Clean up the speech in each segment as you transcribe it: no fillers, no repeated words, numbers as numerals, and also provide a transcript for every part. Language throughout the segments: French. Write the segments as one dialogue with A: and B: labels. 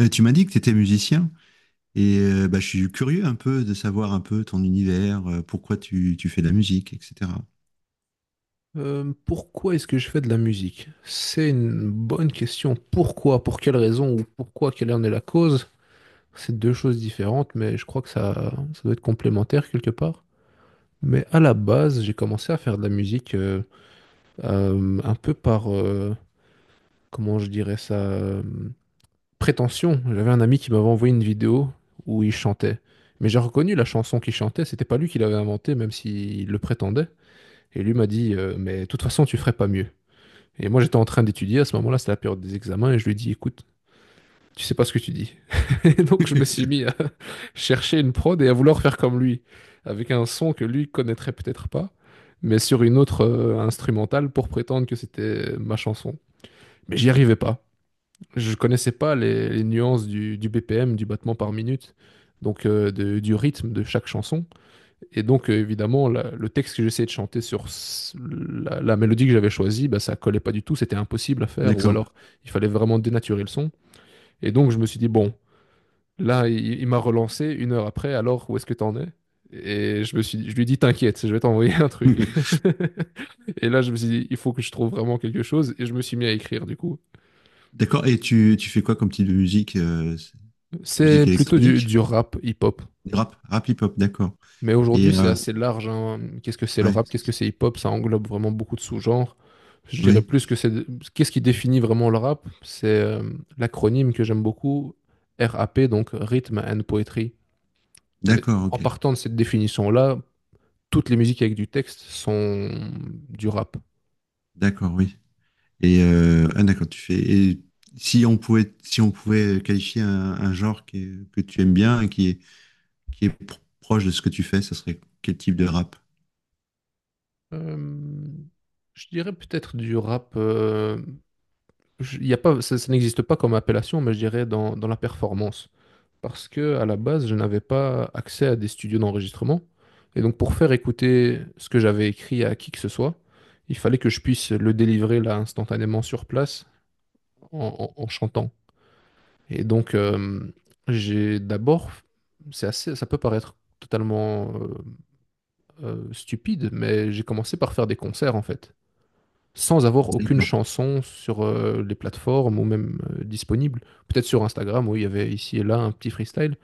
A: Tu m'as dit que tu étais musicien et je suis curieux un peu de savoir un peu ton univers, pourquoi tu fais de la musique, etc.
B: Pourquoi est-ce que je fais de la musique? C'est une bonne question. Pourquoi? Pour quelle raison? Ou pourquoi? Quelle en est la cause? C'est deux choses différentes, mais je crois que ça doit être complémentaire quelque part. Mais à la base, j'ai commencé à faire de la musique un peu par, comment je dirais ça, prétention. J'avais un ami qui m'avait envoyé une vidéo où il chantait. Mais j'ai reconnu la chanson qu'il chantait. C'était pas lui qui l'avait inventée, même s'il le prétendait. Et lui m'a dit, mais de toute façon, tu ferais pas mieux. Et moi, j'étais en train d'étudier. À ce moment-là, c'était la période des examens. Et je lui dis, écoute, tu sais pas ce que tu dis. Et donc, je me suis mis à chercher une prod et à vouloir faire comme lui, avec un son que lui connaîtrait peut-être pas, mais sur une autre instrumentale pour prétendre que c'était ma chanson. Mais j'y arrivais pas. Je connaissais pas les nuances du BPM, du battement par minute, donc du rythme de chaque chanson. Et donc, évidemment, le texte que j'essayais de chanter sur la mélodie que j'avais choisie, bah, ça collait pas du tout, c'était impossible à faire, ou
A: D'accord.
B: alors il fallait vraiment dénaturer le son. Et donc, je me suis dit, bon, là, il m'a relancé une heure après, alors où est-ce que t'en es? Et je me suis, je lui ai dit, t'inquiète, je vais t'envoyer un truc. Et là, je me suis dit, il faut que je trouve vraiment quelque chose, et je me suis mis à écrire, du coup.
A: D'accord. Et tu fais quoi comme type de musique
B: C'est
A: Musique
B: plutôt du,
A: électronique?
B: du rap hip-hop.
A: Rap, rap hip-hop, d'accord.
B: Mais
A: Et
B: aujourd'hui, c'est assez large, hein. Qu'est-ce que c'est le
A: ouais,
B: rap? Qu'est-ce que c'est hip-hop? Ça englobe vraiment beaucoup de sous-genres. Je dirais
A: oui,
B: plus que c'est... Qu'est-ce qui définit vraiment le rap? C'est l'acronyme que j'aime beaucoup, RAP, donc Rhythm and Poetry. Mais
A: d'accord,
B: en
A: ok.
B: partant de cette définition-là, toutes les musiques avec du texte sont du rap.
A: D'accord, oui. Et d'accord, tu fais. Et si on pouvait qualifier un genre que tu aimes bien et qui est proche de ce que tu fais, ça serait quel type de rap?
B: Euh, je dirais peut-être du rap. Y a pas, ça n'existe pas comme appellation, mais je dirais dans, la performance, parce que à la base, je n'avais pas accès à des studios d'enregistrement. Et donc, pour faire écouter ce que j'avais écrit à qui que ce soit, il fallait que je puisse le délivrer là instantanément sur place en chantant. Et donc, j'ai d'abord, c'est assez, ça peut paraître totalement stupide, mais j'ai commencé par faire des concerts en fait, sans avoir aucune
A: D'accord.
B: chanson sur les plateformes ou même disponible. Peut-être sur Instagram, où il y avait ici et là un petit freestyle.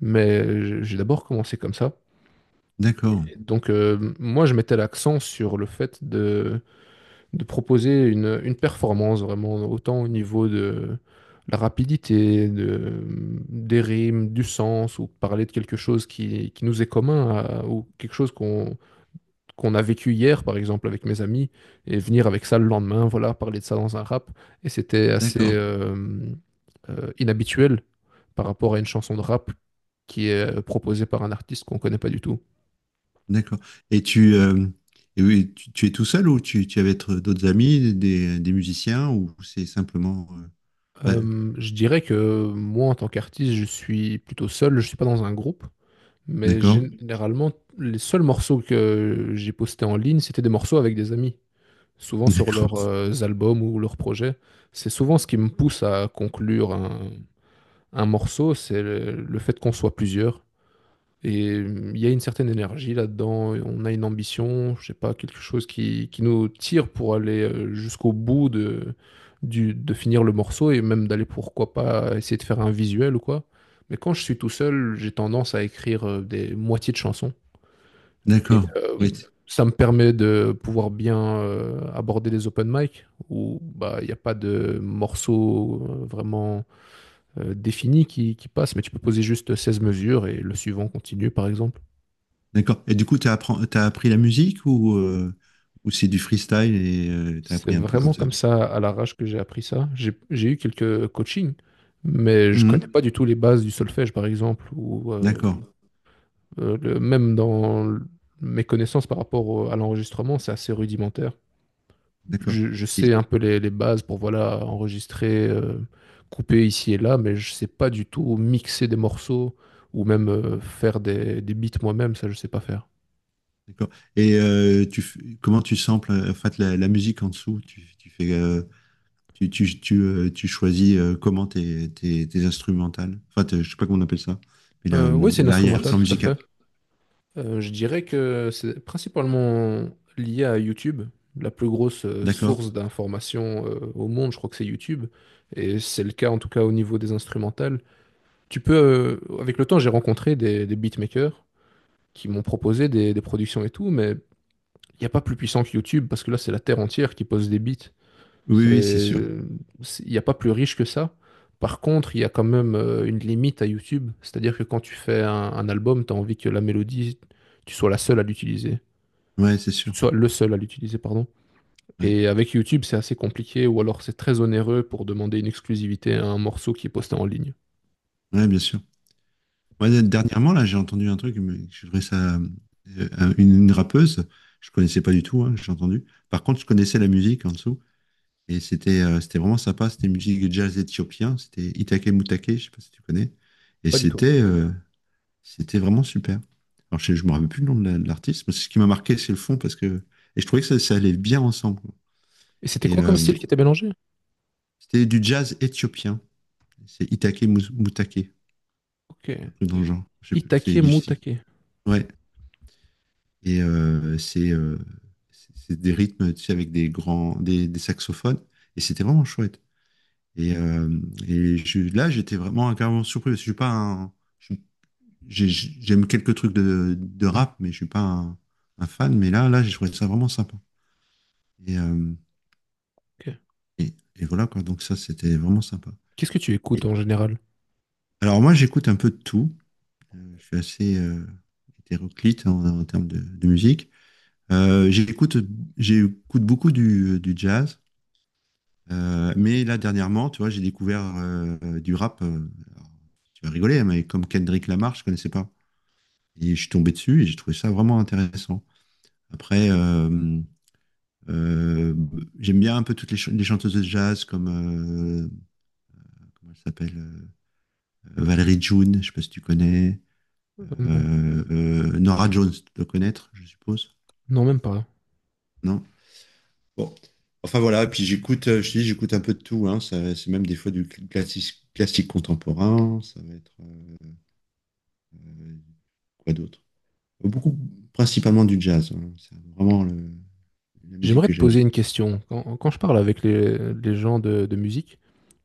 B: Mais j'ai d'abord commencé comme ça.
A: D'accord.
B: Et donc, moi, je mettais l'accent sur le fait de proposer une performance vraiment, autant au niveau de la rapidité, des rimes, du sens, ou parler de quelque chose qui nous est commun, ou quelque chose qu'on a vécu hier, par exemple, avec mes amis, et venir avec ça le lendemain, voilà, parler de ça dans un rap. Et c'était assez
A: D'accord,
B: inhabituel par rapport à une chanson de rap qui est proposée par un artiste qu'on connaît pas du tout.
A: d'accord. Et et oui, tu es tout seul ou tu es avec d'autres amis, des musiciens ou c'est simplement. Pas-
B: Je dirais que moi, en tant qu'artiste, je suis plutôt seul, je suis pas dans un groupe, mais
A: d'accord,
B: généralement, les seuls morceaux que j'ai postés en ligne, c'était des morceaux avec des amis, souvent sur leurs
A: d'accord,
B: albums ou leurs projets. C'est souvent ce qui me pousse à conclure un morceau, c'est le fait qu'on soit plusieurs. Et il y a une certaine énergie là-dedans, et on a une ambition, je sais pas, quelque chose qui nous tire pour aller jusqu'au bout de finir le morceau et même d'aller pourquoi pas essayer de faire un visuel ou quoi. Mais quand je suis tout seul, j'ai tendance à écrire des moitiés de chansons. Et
A: d'accord.
B: euh,
A: Oui,
B: Ça me permet de pouvoir bien aborder les open mic où bah il n'y a pas de morceau vraiment défini qui passe, mais tu peux poser juste 16 mesures et le suivant continue par exemple.
A: d'accord. Et du coup, tu as appris la musique ou c'est du freestyle et tu as
B: C'est
A: appris un peu comme
B: vraiment
A: ça?
B: comme ça, à l'arrache que j'ai appris ça. J'ai eu quelques coachings, mais je connais
A: Mhm.
B: pas du tout les bases du solfège, par exemple, ou
A: D'accord,
B: même dans mes connaissances par rapport à l'enregistrement, c'est assez rudimentaire.
A: d'accord.
B: Je
A: Et,
B: sais un peu les bases pour voilà enregistrer, couper ici et là, mais je sais pas du tout mixer des morceaux ou même faire des beats moi-même, ça je sais pas faire.
A: d'accord. Et tu, comment tu samples en fait, la musique en dessous? Tu fais. Tu tu choisis comment tes instrumentales. Enfin, je sais pas comment on appelle ça.
B: Oui,
A: Oui,
B: c'est une instrumentale,
A: l'arrière-plan
B: tout à
A: musical.
B: fait. Je dirais que c'est principalement lié à YouTube, la plus grosse
A: D'accord?
B: source d'information au monde, je crois que c'est YouTube, et c'est le cas en tout cas au niveau des instrumentales. Tu peux, avec le temps, j'ai rencontré des beatmakers qui m'ont proposé des productions et tout, mais il n'y a pas plus puissant que YouTube parce que là, c'est la terre entière qui pose des beats.
A: Oui, oui, c'est
B: C'est,
A: sûr.
B: c'est, il n'y a pas plus riche que ça. Par contre, il y a quand même une limite à YouTube, c'est-à-dire que quand tu fais un album, tu as envie que la mélodie, tu sois la seule à l'utiliser,
A: Ouais, c'est
B: tu
A: sûr.
B: sois le seul à l'utiliser, pardon.
A: Ouais,
B: Et avec YouTube, c'est assez compliqué, ou alors c'est très onéreux pour demander une exclusivité à un morceau qui est posté en ligne.
A: ouais, bien sûr. Ouais, dernièrement, là, j'ai entendu un truc, mais je trouvais ça. Une rappeuse, je connaissais pas du tout, hein, j'ai entendu. Par contre, je connaissais la musique en dessous. Et c'était c'était vraiment sympa. C'était une musique jazz éthiopien. C'était Itake Mutake, je sais pas si tu connais. Et
B: Pas du tout.
A: c'était c'était vraiment super. Alors, je ne me rappelle plus le nom de l'artiste, mais c'est ce qui m'a marqué, c'est le fond, parce que. Et je trouvais que ça allait bien ensemble, quoi.
B: Et c'était
A: Et
B: quoi comme style qui était mélangé?
A: c'était du jazz éthiopien. C'est Itake Moutake,
B: Ok.
A: un truc dans le
B: I-
A: genre. Je sais plus, c'est
B: Itake,
A: du style.
B: Mutake.
A: Ouais. Et c'est c'est des rythmes, tu sais, avec des grands, des saxophones. Et c'était vraiment chouette. Et, euh, et là, j'étais vraiment carrément surpris, parce que je suis pas un. je- j'ai- J'aime quelques trucs de rap, mais je suis pas un, un fan. Mais là j'ai trouvé ça vraiment sympa. Et, euh,
B: Ok.
A: et voilà, quoi. Donc ça, c'était vraiment sympa.
B: Qu'est-ce que tu
A: Et-
B: écoutes en général?
A: Alors moi, j'écoute un peu de tout. Je suis assez hétéroclite en, en termes de musique. Euh, j'écoute, J'écoute beaucoup du jazz. Mais là, dernièrement, tu vois, j'ai découvert du rap. Alors, Tu vas rigoler, hein, mais comme Kendrick Lamar, je connaissais pas. Et je suis tombé dessus et j'ai trouvé ça vraiment intéressant. Après, euh, j'aime bien un peu toutes les, les chanteuses de jazz comme, comment elle s'appelle, Valérie June, je ne sais pas si tu connais.
B: Euh, non.
A: Nora Jones, tu dois connaître, je suppose.
B: Non, même pas.
A: Non? Bon. Enfin voilà, et puis j'écoute, je te dis, j'écoute un peu de tout, hein. C'est même des fois du classique contemporain. Ça va être quoi d'autre? Beaucoup, principalement du jazz, hein. C'est vraiment la musique
B: J'aimerais
A: que
B: te
A: j'aime.
B: poser une question. Quand je parle avec les gens de musique,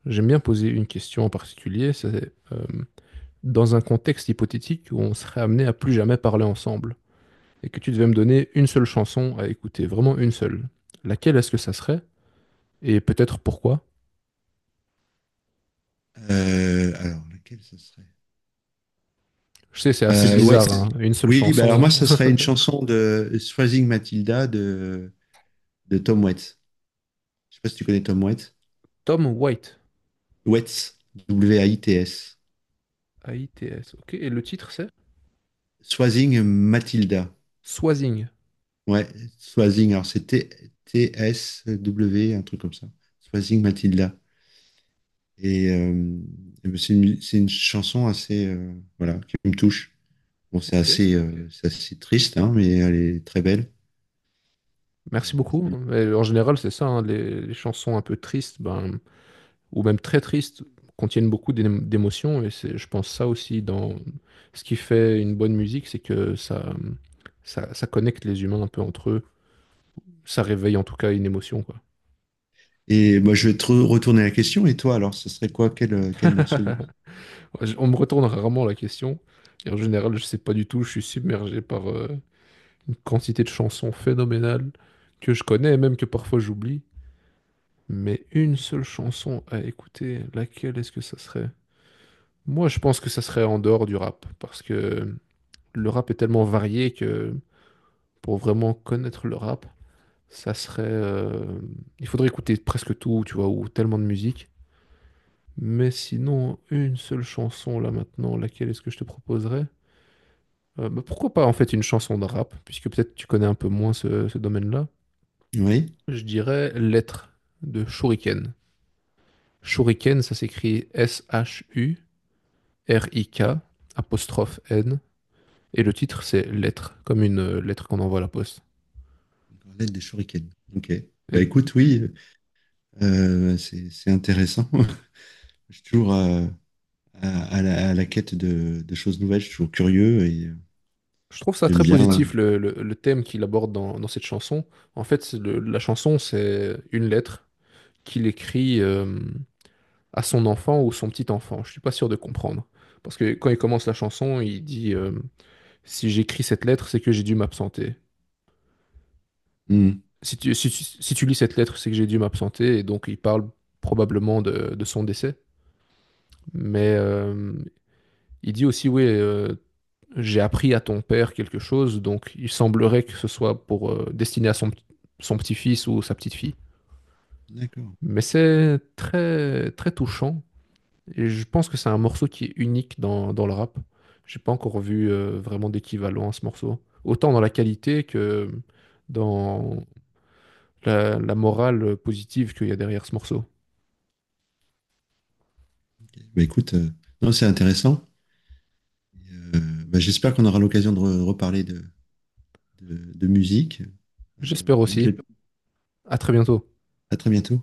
B: j'aime bien poser une question en particulier. C'est dans un contexte hypothétique où on serait amené à plus jamais parler ensemble et que tu devais me donner une seule chanson à écouter, vraiment une seule. Laquelle est-ce que ça serait et peut-être pourquoi?
A: Alors, laquelle ça serait?
B: Je sais, c'est assez
A: Ouais.
B: bizarre, hein, une seule
A: Oui, bah alors moi,
B: chanson.
A: ça serait une chanson de Swazing Matilda de Tom Waits. Je sais pas si tu connais Tom Waits.
B: Tom White,
A: Waits, W-A-I-T-S.
B: A-I-T-S. Ok, et le titre c'est
A: Swazing Matilda.
B: Swazing.
A: Ouais, Swazing, alors c'est T-S-W, t T-S-W, un truc comme ça. Swazing Matilda. Et euh, et ben, c'est une chanson assez, voilà, qui me touche. Bon,
B: Ok.
A: c'est assez triste, hein, mais elle est très belle.
B: Merci beaucoup.
A: Euh,
B: Mais en général, c'est ça, hein, les chansons un peu tristes, ben, ou même très tristes, contiennent beaucoup d'émotions. Et c'est, je pense ça aussi dans ce qui fait une bonne musique, c'est que ça connecte les humains un peu entre eux. Ça réveille en tout cas une émotion, quoi.
A: et moi, je vais te retourner la question. Et toi, alors, ce serait quoi? Quel, quel morceau de musique?
B: Ouais, on me retourne rarement la question. Et en général, je sais pas du tout. Je suis submergé par une quantité de chansons phénoménales que je connais et même que parfois j'oublie. Mais une seule chanson à écouter, laquelle est-ce que ça serait? Moi, je pense que ça serait en dehors du rap, parce que le rap est tellement varié que pour vraiment connaître le rap, ça serait, il faudrait écouter presque tout, tu vois, ou tellement de musique. Mais sinon, une seule chanson là maintenant, laquelle est-ce que je te proposerais? Bah, pourquoi pas en fait une chanson de rap, puisque peut-être tu connais un peu moins ce domaine-là.
A: Oui,
B: Je dirais Lettre de Shuriken. Shuriken, ça s'écrit S-H-U-R-I-K, apostrophe N, et le titre c'est Lettre, comme une lettre qu'on envoie à la poste.
A: une des shurikens. Ok.
B: Et
A: Bah écoute, oui, c'est c'est intéressant. Je suis toujours, à la quête de choses nouvelles. Je suis toujours curieux et
B: je trouve ça
A: j'aime
B: très
A: bien, ouais.
B: positif le thème qu'il aborde dans, cette chanson. En fait, c'est la chanson, c'est une lettre qu'il écrit à son enfant ou son petit enfant. Je suis pas sûr de comprendre. Parce que quand il commence la chanson, il dit si j'écris cette lettre, c'est que j'ai dû m'absenter.
A: Mm.
B: Si tu, si, tu-
A: D'accord.
B: si tu lis cette lettre, c'est que j'ai dû m'absenter. Et donc, il parle probablement de son décès. Mais il dit aussi oui, j'ai appris à ton père quelque chose, donc il semblerait que ce soit pour destiné à son petit-fils ou sa petite-fille.
A: D'accord.
B: Mais c'est très très touchant et je pense que c'est un morceau qui est unique dans, le rap. J'ai pas encore vu vraiment d'équivalent à ce morceau, autant dans la qualité que dans la morale positive qu'il y a derrière ce morceau.
A: Ok. Bah, écoute, non, c'est intéressant. Euh, bah, j'espère qu'on aura l'occasion de reparler de musique. Euh,
B: J'espère
A: donc, je-
B: aussi.
A: vais-
B: À très bientôt.
A: à très bientôt.